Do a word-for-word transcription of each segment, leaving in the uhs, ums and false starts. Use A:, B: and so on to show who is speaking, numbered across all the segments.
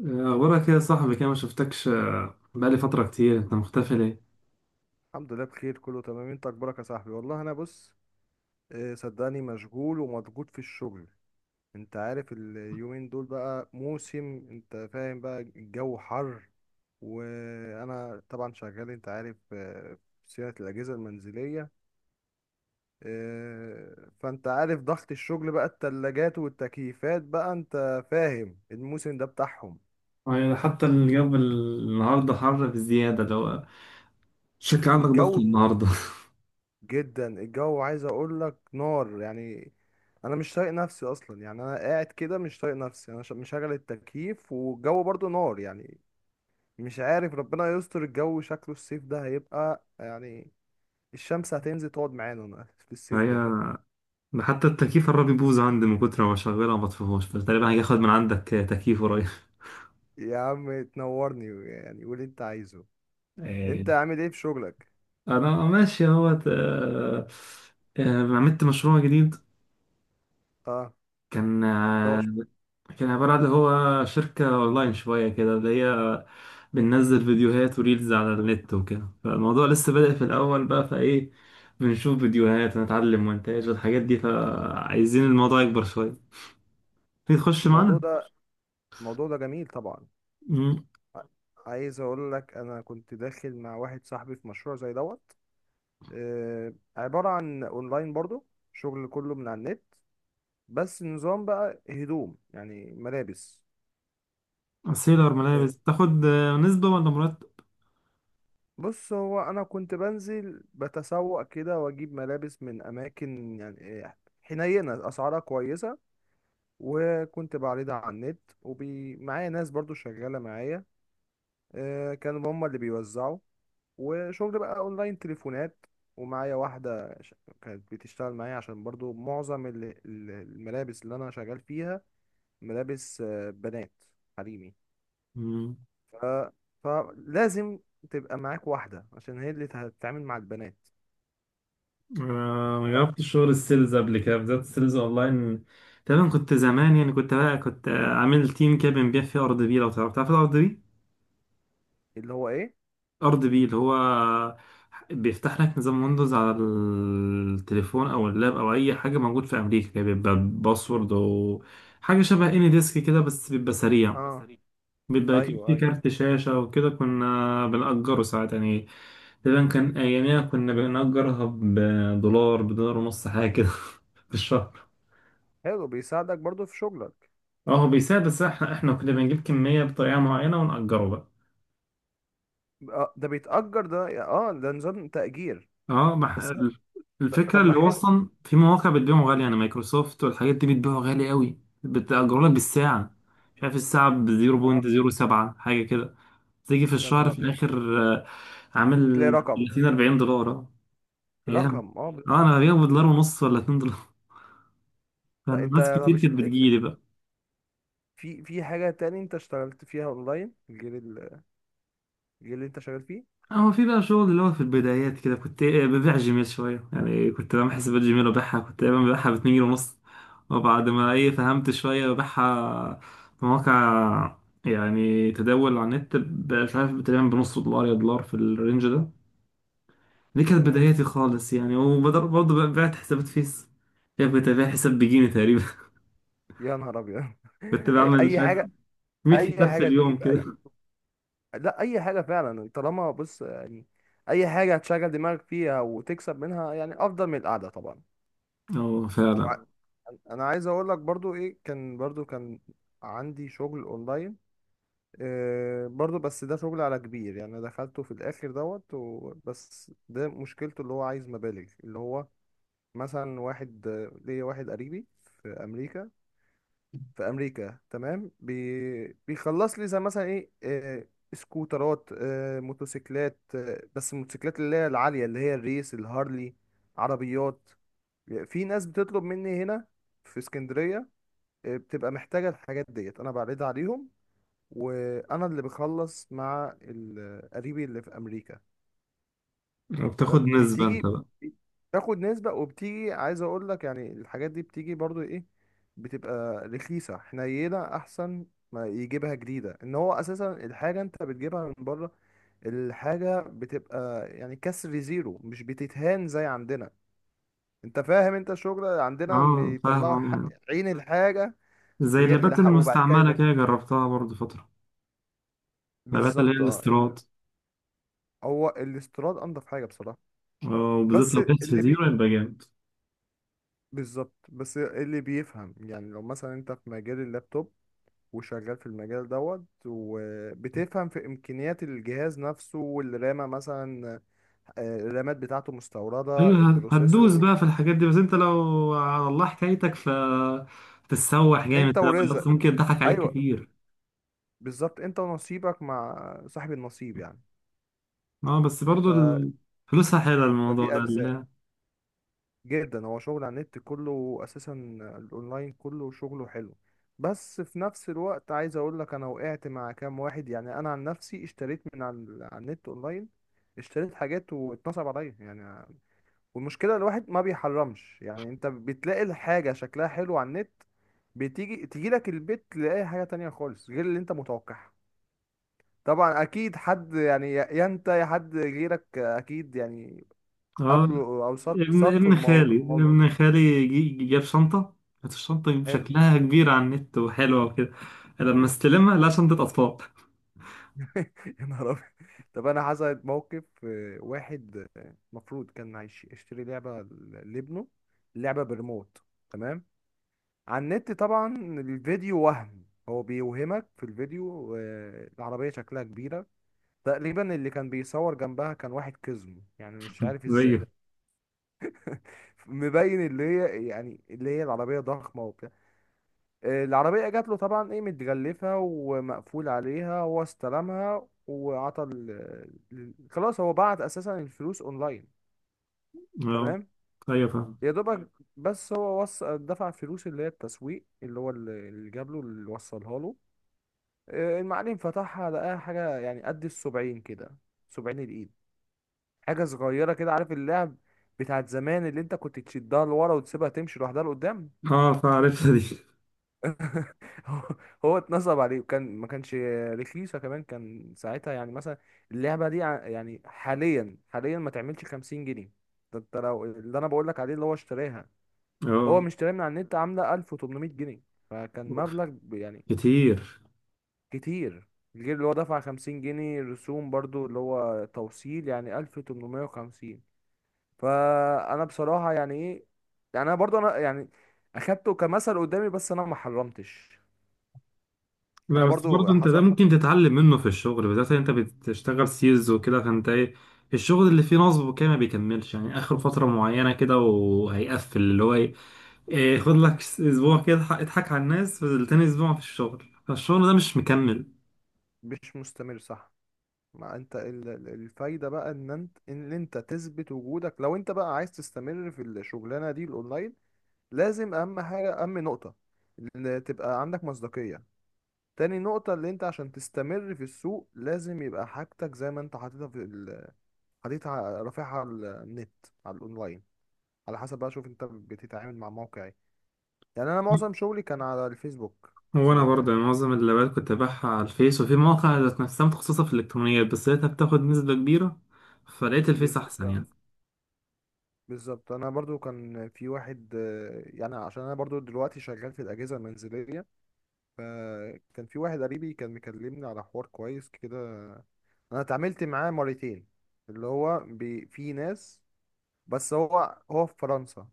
A: أخبارك إيه يا صاحبي كده، ما شفتكش آه، بقالي فترة كتير. أنت مختفي ليه؟
B: الحمد لله بخير، كله تمام. انت اخبارك يا صاحبي؟ والله انا بص، آه، صدقني مشغول ومضغوط في الشغل. انت عارف اليومين دول بقى موسم، انت فاهم بقى، الجو حر وانا طبعا شغال، انت عارف، آه، في صيانة الاجهزة المنزلية. آه، فانت عارف ضغط الشغل بقى، التلاجات والتكييفات بقى، انت فاهم الموسم ده بتاعهم.
A: يعني حتى الجو النهاردة حر بزيادة. لو شكل عندك ضغط
B: الجو
A: النهاردة.
B: جدا، الجو عايز اقول لك نار يعني. انا مش طايق نفسي اصلا يعني، انا قاعد كده مش طايق نفسي، انا ش- مشغل التكييف والجو برضو نار يعني. مش عارف، ربنا يستر، الجو شكله الصيف ده هيبقى يعني الشمس هتنزل تقعد معانا هنا في الصيف
A: هي،
B: ده.
A: ده حتى التكييف قرب يبوظ عندي من كتر ما بشغلها ما بطفيهوش، فتقريبا هاجي آخد من عندك آه، تكييف قريب.
B: يا عم تنورني يعني، قول اللي انت عايزه.
A: آه،
B: انت عامل ايه في شغلك؟
A: أنا ماشي أهوت آه، آه، عملت مشروع جديد.
B: اه،
A: كان
B: هو ش-
A: كان عبارة عن هو شركة أونلاين شوية، كده اللي هي بننزل فيديوهات وريلز على النت وكده، فالموضوع لسه بادئ في الأول بقى، فإيه، بنشوف فيديوهات ونتعلم مونتاج والحاجات دي، فعايزين الموضوع يكبر شوية. تيجي تخش
B: الموضوع
A: معانا.
B: ده، الموضوع ده جميل طبعا.
A: مم.
B: ع- عايز اقول لك، انا كنت داخل مع واحد صاحبي في مشروع زي دوت. آه، عبارة عن اونلاين برضو، شغل كله من على النت، بس نظام بقى هدوم يعني ملابس.
A: سيلر
B: آه،
A: ملابس، تاخد آه، نسبة ولا مرتب؟
B: بص، هو انا كنت بنزل بتسوق كده واجيب ملابس من اماكن يعني، آه، حنينة اسعارها كويسة. وكنت بعرضها على النت ومعايا ناس برضو شغالة معايا، آه، كانوا هما اللي بيوزعوا. وشغل بقى اونلاين تليفونات، ومعايا واحدة ش- كانت بتشتغل معايا، عشان برضو معظم ال- ال- الملابس اللي انا شغال فيها ملابس، آه، بنات، حريمي.
A: مم.
B: ف... فلازم تبقى معاك واحدة، عشان هي اللي هتتعامل مع البنات.
A: آه، ما
B: ف-
A: جربتش شغل السيلز قبل كده، بالذات السيلز أونلاين. تقريبا كنت زمان، يعني كنت بقى كنت آه، عامل تيم كده بنبيع فيه أرض بي. لو تعرف، تعرف الأرض بي؟
B: اللي هو ايه؟
A: ارض بي اللي هو بيفتح لك نظام ويندوز على التليفون او اللاب او اي حاجه، موجود في امريكا كده، بيبقى باسورد وحاجه شبه اني ديسك كده، بس بيبقى سريع.
B: اه بيسري.
A: بيبقى ك-
B: ايوه
A: في
B: ايوه،
A: كارت شاشه وكده، كنا بنأجره ساعات يعني. تقريبا كان اياميها كنا بنأجرها بدولار، بدولار ونص حاجه كده في الشهر.
B: حلو بيساعدك برضو في شغلك.
A: اه هو بيساعد، بس احنا احنا كنا بنجيب كميه بطريقه معينه ونأجره بقى.
B: آه، ده بيتأجر ده؟ اه، ده نظام تأجير.
A: اه ما ح-
B: بس
A: ال-
B: ط-
A: الفكره،
B: طب ما
A: اللي هو
B: حلو.
A: اصلا في مواقع بتبيعهم غالي، يعني مايكروسوفت والحاجات دي بتبيعه غالي قوي، بتأجروا لك بالساعه. مش عارف الساعه ب
B: آه،
A: صفر فاصلة صفر سبعة حاجه كده، تيجي في
B: يا
A: الشهر
B: نهار
A: في
B: ابيض.
A: الاخر آه،
B: تلاقي
A: عامل
B: رقم،
A: تلاتين أربعين دولار. اه، ايام.
B: رقم، اه ب-
A: اه انا ببيعه بدولار ونص ولا اتنين دولار
B: طب
A: كان
B: انت،
A: ناس
B: طب
A: كتير
B: اش-
A: كانت بتجيلي بقى.
B: في في حاجة تاني انت اشتغلت فيها اونلاين؟ الجيل ال- الجيل اللي انت شغال فيه.
A: آه، هو في بقى شغل، اللي هو في البدايات كده، كنت إيه، ببيع جيميل شوية، يعني كنت بعمل حسابات جيميل وببيعها، كنت دايما ببيعها باتنين جنيه ونص، وبعد ما ايه فهمت شوية ببيعها في مواقع، يعني تداول على النت، ب- مش عارف، تقريبا بنص دولار يا دولار، في الرينج ده. دي كانت
B: تمام.
A: بداياتي خالص يعني، وبرضه بعت حسابات فيس. يعني كنت ببيع حساب بجيني تقريبا
B: يا نهار ابيض.
A: كنت
B: اي،
A: بعمل مش
B: أي
A: عارف
B: حاجة،
A: مية
B: اي
A: حساب في
B: حاجه
A: اليوم
B: تجيب اي.
A: كده.
B: لا، اي حاجه فعلا، طالما، بص يعني، اي حاجه هتشغل دماغك فيها وتكسب منها يعني افضل من القعده طبعا.
A: اه فعلا.
B: وع- انا عايز اقول لك برضو ايه، كان برضو كان عندي شغل اونلاين، إيه برضو، بس ده شغل على كبير يعني، دخلته في الاخر دوت و- بس ده مشكلته اللي هو عايز مبالغ، اللي هو مثلا واحد، آه، ليا واحد قريبي في امريكا. في امريكا، تمام، بي... بيخلص لي زي مثلا ايه، آه، سكوترات، آه، موتوسيكلات، آه، بس الموتوسيكلات اللي هي العاليه، اللي هي الريس الهارلي، عربيات. في ناس بتطلب مني هنا في اسكندريه، آه، بتبقى محتاجه الحاجات ديت، انا بعرضها عليهم، وانا اللي بخلص مع ال- آه، قريبي اللي في امريكا.
A: وبتاخد نسبة انت
B: فبتيجي
A: بقى.
B: تاخد نسبة. وبتيجي عايز اقول لك يعني الحاجات دي بتيجي برضو ايه، بتبقى رخيصة حنينة، احسن ما يجيبها جديدة. ان هو اساسا الحاجة انت بتجيبها من بره، الحاجة بتبقى يعني كسر زيرو، مش بتتهان زي عندنا. انت فاهم، انت الشغل عندنا
A: اه
B: بيطلعوا ح-
A: فاهم.
B: عين الحاجة.
A: زي
B: غ-
A: اللابات
B: لح- وبعد كده
A: المستعملة
B: يبقى
A: كده، جربتها برضه فترة. اللابات اللي هي
B: بالظبط. اه ال-
A: الاستيراد.
B: هو الاستيراد انضف حاجة بصراحة.
A: آه، وبالذات
B: بس
A: لو كانت في
B: اللي بي
A: زيرو يبقى جامد.
B: بالظبط. بس إيه، اللي بيفهم يعني، لو مثلا انت في مجال اللابتوب، وشغال في المجال دوت، وبتفهم في امكانيات الجهاز نفسه والرامة مثلا، آه، الرامات بتاعته مستوردة،
A: أيوه، هت- هتدوس
B: البروسيسور. مم.
A: بقى في الحاجات دي، بس أنت لو على الله حكايتك، ف تتسوح جامد
B: انت
A: في الأول،
B: ورزق
A: بس
B: سامبا.
A: ممكن يضحك عليك
B: ايوه،
A: كتير.
B: بالظبط، انت ونصيبك مع صاحب النصيب يعني.
A: أه، بس برضه
B: ف... مم.
A: ال- فلوسها حلوة الموضوع
B: فدي
A: ده اللي
B: ارزاق
A: هي.
B: جدا. هو شغل على النت كله اساسا، الاونلاين كله شغله حلو. بس في نفس الوقت عايز اقول لك، انا وقعت مع كام واحد يعني، انا عن نفسي اشتريت من على ال- على النت اونلاين، اشتريت حاجات واتنصب عليا يعني. والمشكله الواحد ما بيحرمش يعني، انت بتلاقي الحاجه شكلها حلو على النت، بتيجي تيجي لك البيت تلاقي حاجه تانية خالص غير اللي انت متوقعها. طبعا اكيد حد يعني، يا يا انت يا حد غيرك، اكيد يعني
A: أه.
B: قابله، او صاد
A: ابن
B: صادفوا
A: ابن خالي
B: الموضوع.
A: ابن خالي جي- جي- جاب شنطة. كانت الشنطة
B: حلو.
A: شكلها كبير على النت وحلوة وكده، لما استلمها، لا، شنطة أطفال
B: يا نهار أبيض. طب أنا حصلت موقف، آه، واحد، آه، المفروض كان هيش- يشتري لعبة ل- لابنه، لعبة بريموت، تمام، على النت طبعا، الفيديو وهم، هو بيوهمك في الفيديو، آه، العربية شكلها كبيرة، تقريبا اللي كان بيصور جنبها كان واحد كزم يعني مش عارف ازاي.
A: أيوه.
B: مبين اللي هي يعني، اللي هي العربية ضخمة وبتاع، آه، العربية جات له طبعا ايه، متغلفة ومقفول عليها، هو استلمها وعطى ال... ال- خلاص، هو بعت اساسا الفلوس اونلاين،
A: أه.
B: تمام.
A: أيوه فاهم.
B: يا دوبك. بس هو وص... دفع فلوس، اللي هي التسويق، اللي هو اللي اللي جاب له، اللي وصلها له، آه، المعلم فتحها لقاها حاجة يعني قد السبعين كده. سبعين الايد، حاجة صغيرة كده، عارف اللعب بتاعت زمان اللي انت كنت تشدها لورا وتسيبها تمشي لوحدها لقدام.
A: اه فعرفتها دي.
B: هو هو اتنصب عليه، وكان ما كانش رخيصة كمان، كان ساعتها يعني مثلا اللعبة دي ع- يعني حاليا حاليا ما تعملش خمسين جنيه. ده انت لو اللي انا بقول لك عليه، اللي هو اشتراها، هو
A: اه.
B: مش اشتراها من على النت، عاملة ألف وثمانمائة جنيه. فكان
A: أوف.
B: مبلغ ب- يعني
A: كتير.
B: كتير. غير اللي هو دفع خمسين جنيه رسوم برضو اللي هو توصيل، يعني ألف وتمنمية وخمسين. فانا بصراحة يعني ايه، يعني انا برضو انا يعني اخدته كمثل قدامي، بس انا ما حرمتش.
A: لا
B: انا
A: بس برضه
B: برضو
A: انت، ده
B: حصل.
A: ممكن تتعلم منه في الشغل، بالذات انت بتشتغل سيلز وكده، فانت ايه، الشغل اللي فيه نصب وكده ما بيكملش يعني، اخر فترة معينة كده وهيقفل، اللي هو ايه، إيه، خد لك اسبوع كده اضحك اضحك على الناس، تاني اسبوع في الشغل، فالشغل ده مش مكمل.
B: مش مستمر، صح. ما انت ال- ال- الفايدة بقى ان انت ان انت تثبت وجودك، لو انت بقى عايز تستمر في الشغلانة دي الاونلاين، لازم اهم حاجة، اهم نقطة، ان تبقى عندك مصداقية. تاني نقطة اللي انت عشان تستمر في السوق، لازم يبقى حاجتك زي ما انت حاططها في ال... حاططها ع- رافعها على النت، على الاونلاين، على حسب بقى، شوف انت بتتعامل مع موقع ايه. يعني انا معظم شغلي كان على الفيسبوك.
A: هو انا
B: بصراحة
A: برضه
B: يعني،
A: يعني معظم اللابات كنت ببيعها على الفيس، وفي مواقع ذات نفسها متخصصة في الالكترونيات، بس لقيتها بتاخد نسبة كبيرة، فلقيت الفيس احسن
B: بالظبط،
A: يعني.
B: بالظبط. انا برضو كان في واحد، آه، يعني عشان انا برضو دلوقتي شغال في الاجهزه المنزليه. فكان في واحد قريبي كان مكلمني على حوار كويس كده، انا اتعاملت معاه مرتين، اللي هو بي، في ناس، بس هو هو في فرنسا.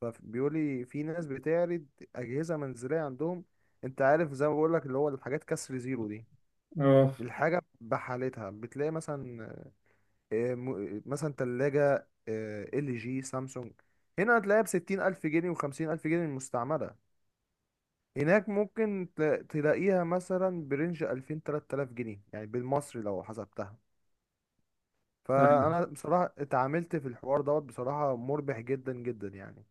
B: فبيقول لي في ناس بتعرض اجهزه منزليه عندهم، انت عارف زي ما بقول لك اللي هو الحاجات كسر زيرو دي،
A: اه.
B: الحاجه بحالتها، بتلاقي مثلا، آه، م- مثلا تلاجة ال جي، سامسونج، هنا هتلاقيها بستين ألف جنيه وخمسين ألف جنيه المستعملة، هناك ممكن تلا- تلاقيها مثلا برينج ألفين تلات آلاف جنيه يعني بالمصري لو حسبتها.
A: طيب.
B: فأنا بصراحة اتعاملت في الحوار دوت بصراحة، مربح جدا جدا يعني.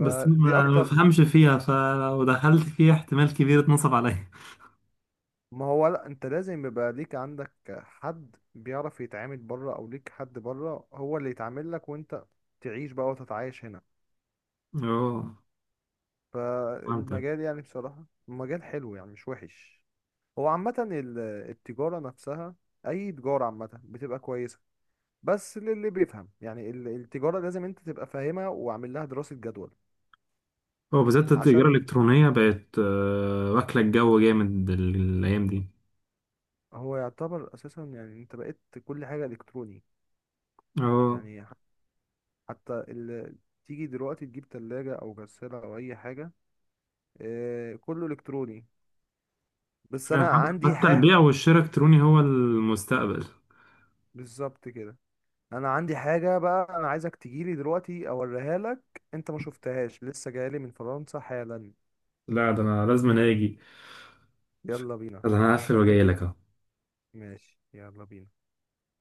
A: بس ما ما
B: أكتر.
A: بفهمش فيها، فلو دخلت فيها احتمال كبير اتنصب عليا.
B: ما هو لأ، أنت لازم يبقى ليك، عندك حد بيعرف يتعامل بره، أو ليك حد بره هو اللي يتعامل لك، وأنت تعيش بقى وتتعايش هنا.
A: اه فهمتك.
B: فالمجال يعني بصراحة مجال حلو يعني مش وحش. هو عامة ال- التجارة نفسها، أي تجارة عامة بتبقى كويسة بس للي بيفهم يعني، ال- التجارة لازم أنت تبقى فاهمها وعامل لها دراسة جدول،
A: هو بالذات التجارة
B: عشان
A: الإلكترونية بقت آه، واكلة الجو جامد ال- الأيام دي.
B: هو يعتبر أساسا يعني أنت بقيت كل حاجة إلكتروني.
A: اه
B: يعني ح- حتى ال... تيجي دلوقتي تجيب تلاجة أو غسالة أو أي حاجة، آه، كله إلكتروني. بس
A: يعني
B: أنا
A: حت-
B: عندي
A: حتى
B: ح،
A: البيع والشراء الإلكتروني هو المستقبل.
B: بالظبط كده. انا عندي حاجه بقى، انا عايزك تجيلي دلوقتي اوريها لك، انت ما شفتهاش، لسه جايلي من فرنسا حالا.
A: لا ده أنا لازم أنا أجي.
B: يلا بينا
A: ده
B: انا
A: أنا هقفل وجاي
B: مستنيك.
A: لك أهو.
B: ماشي يلا بينا.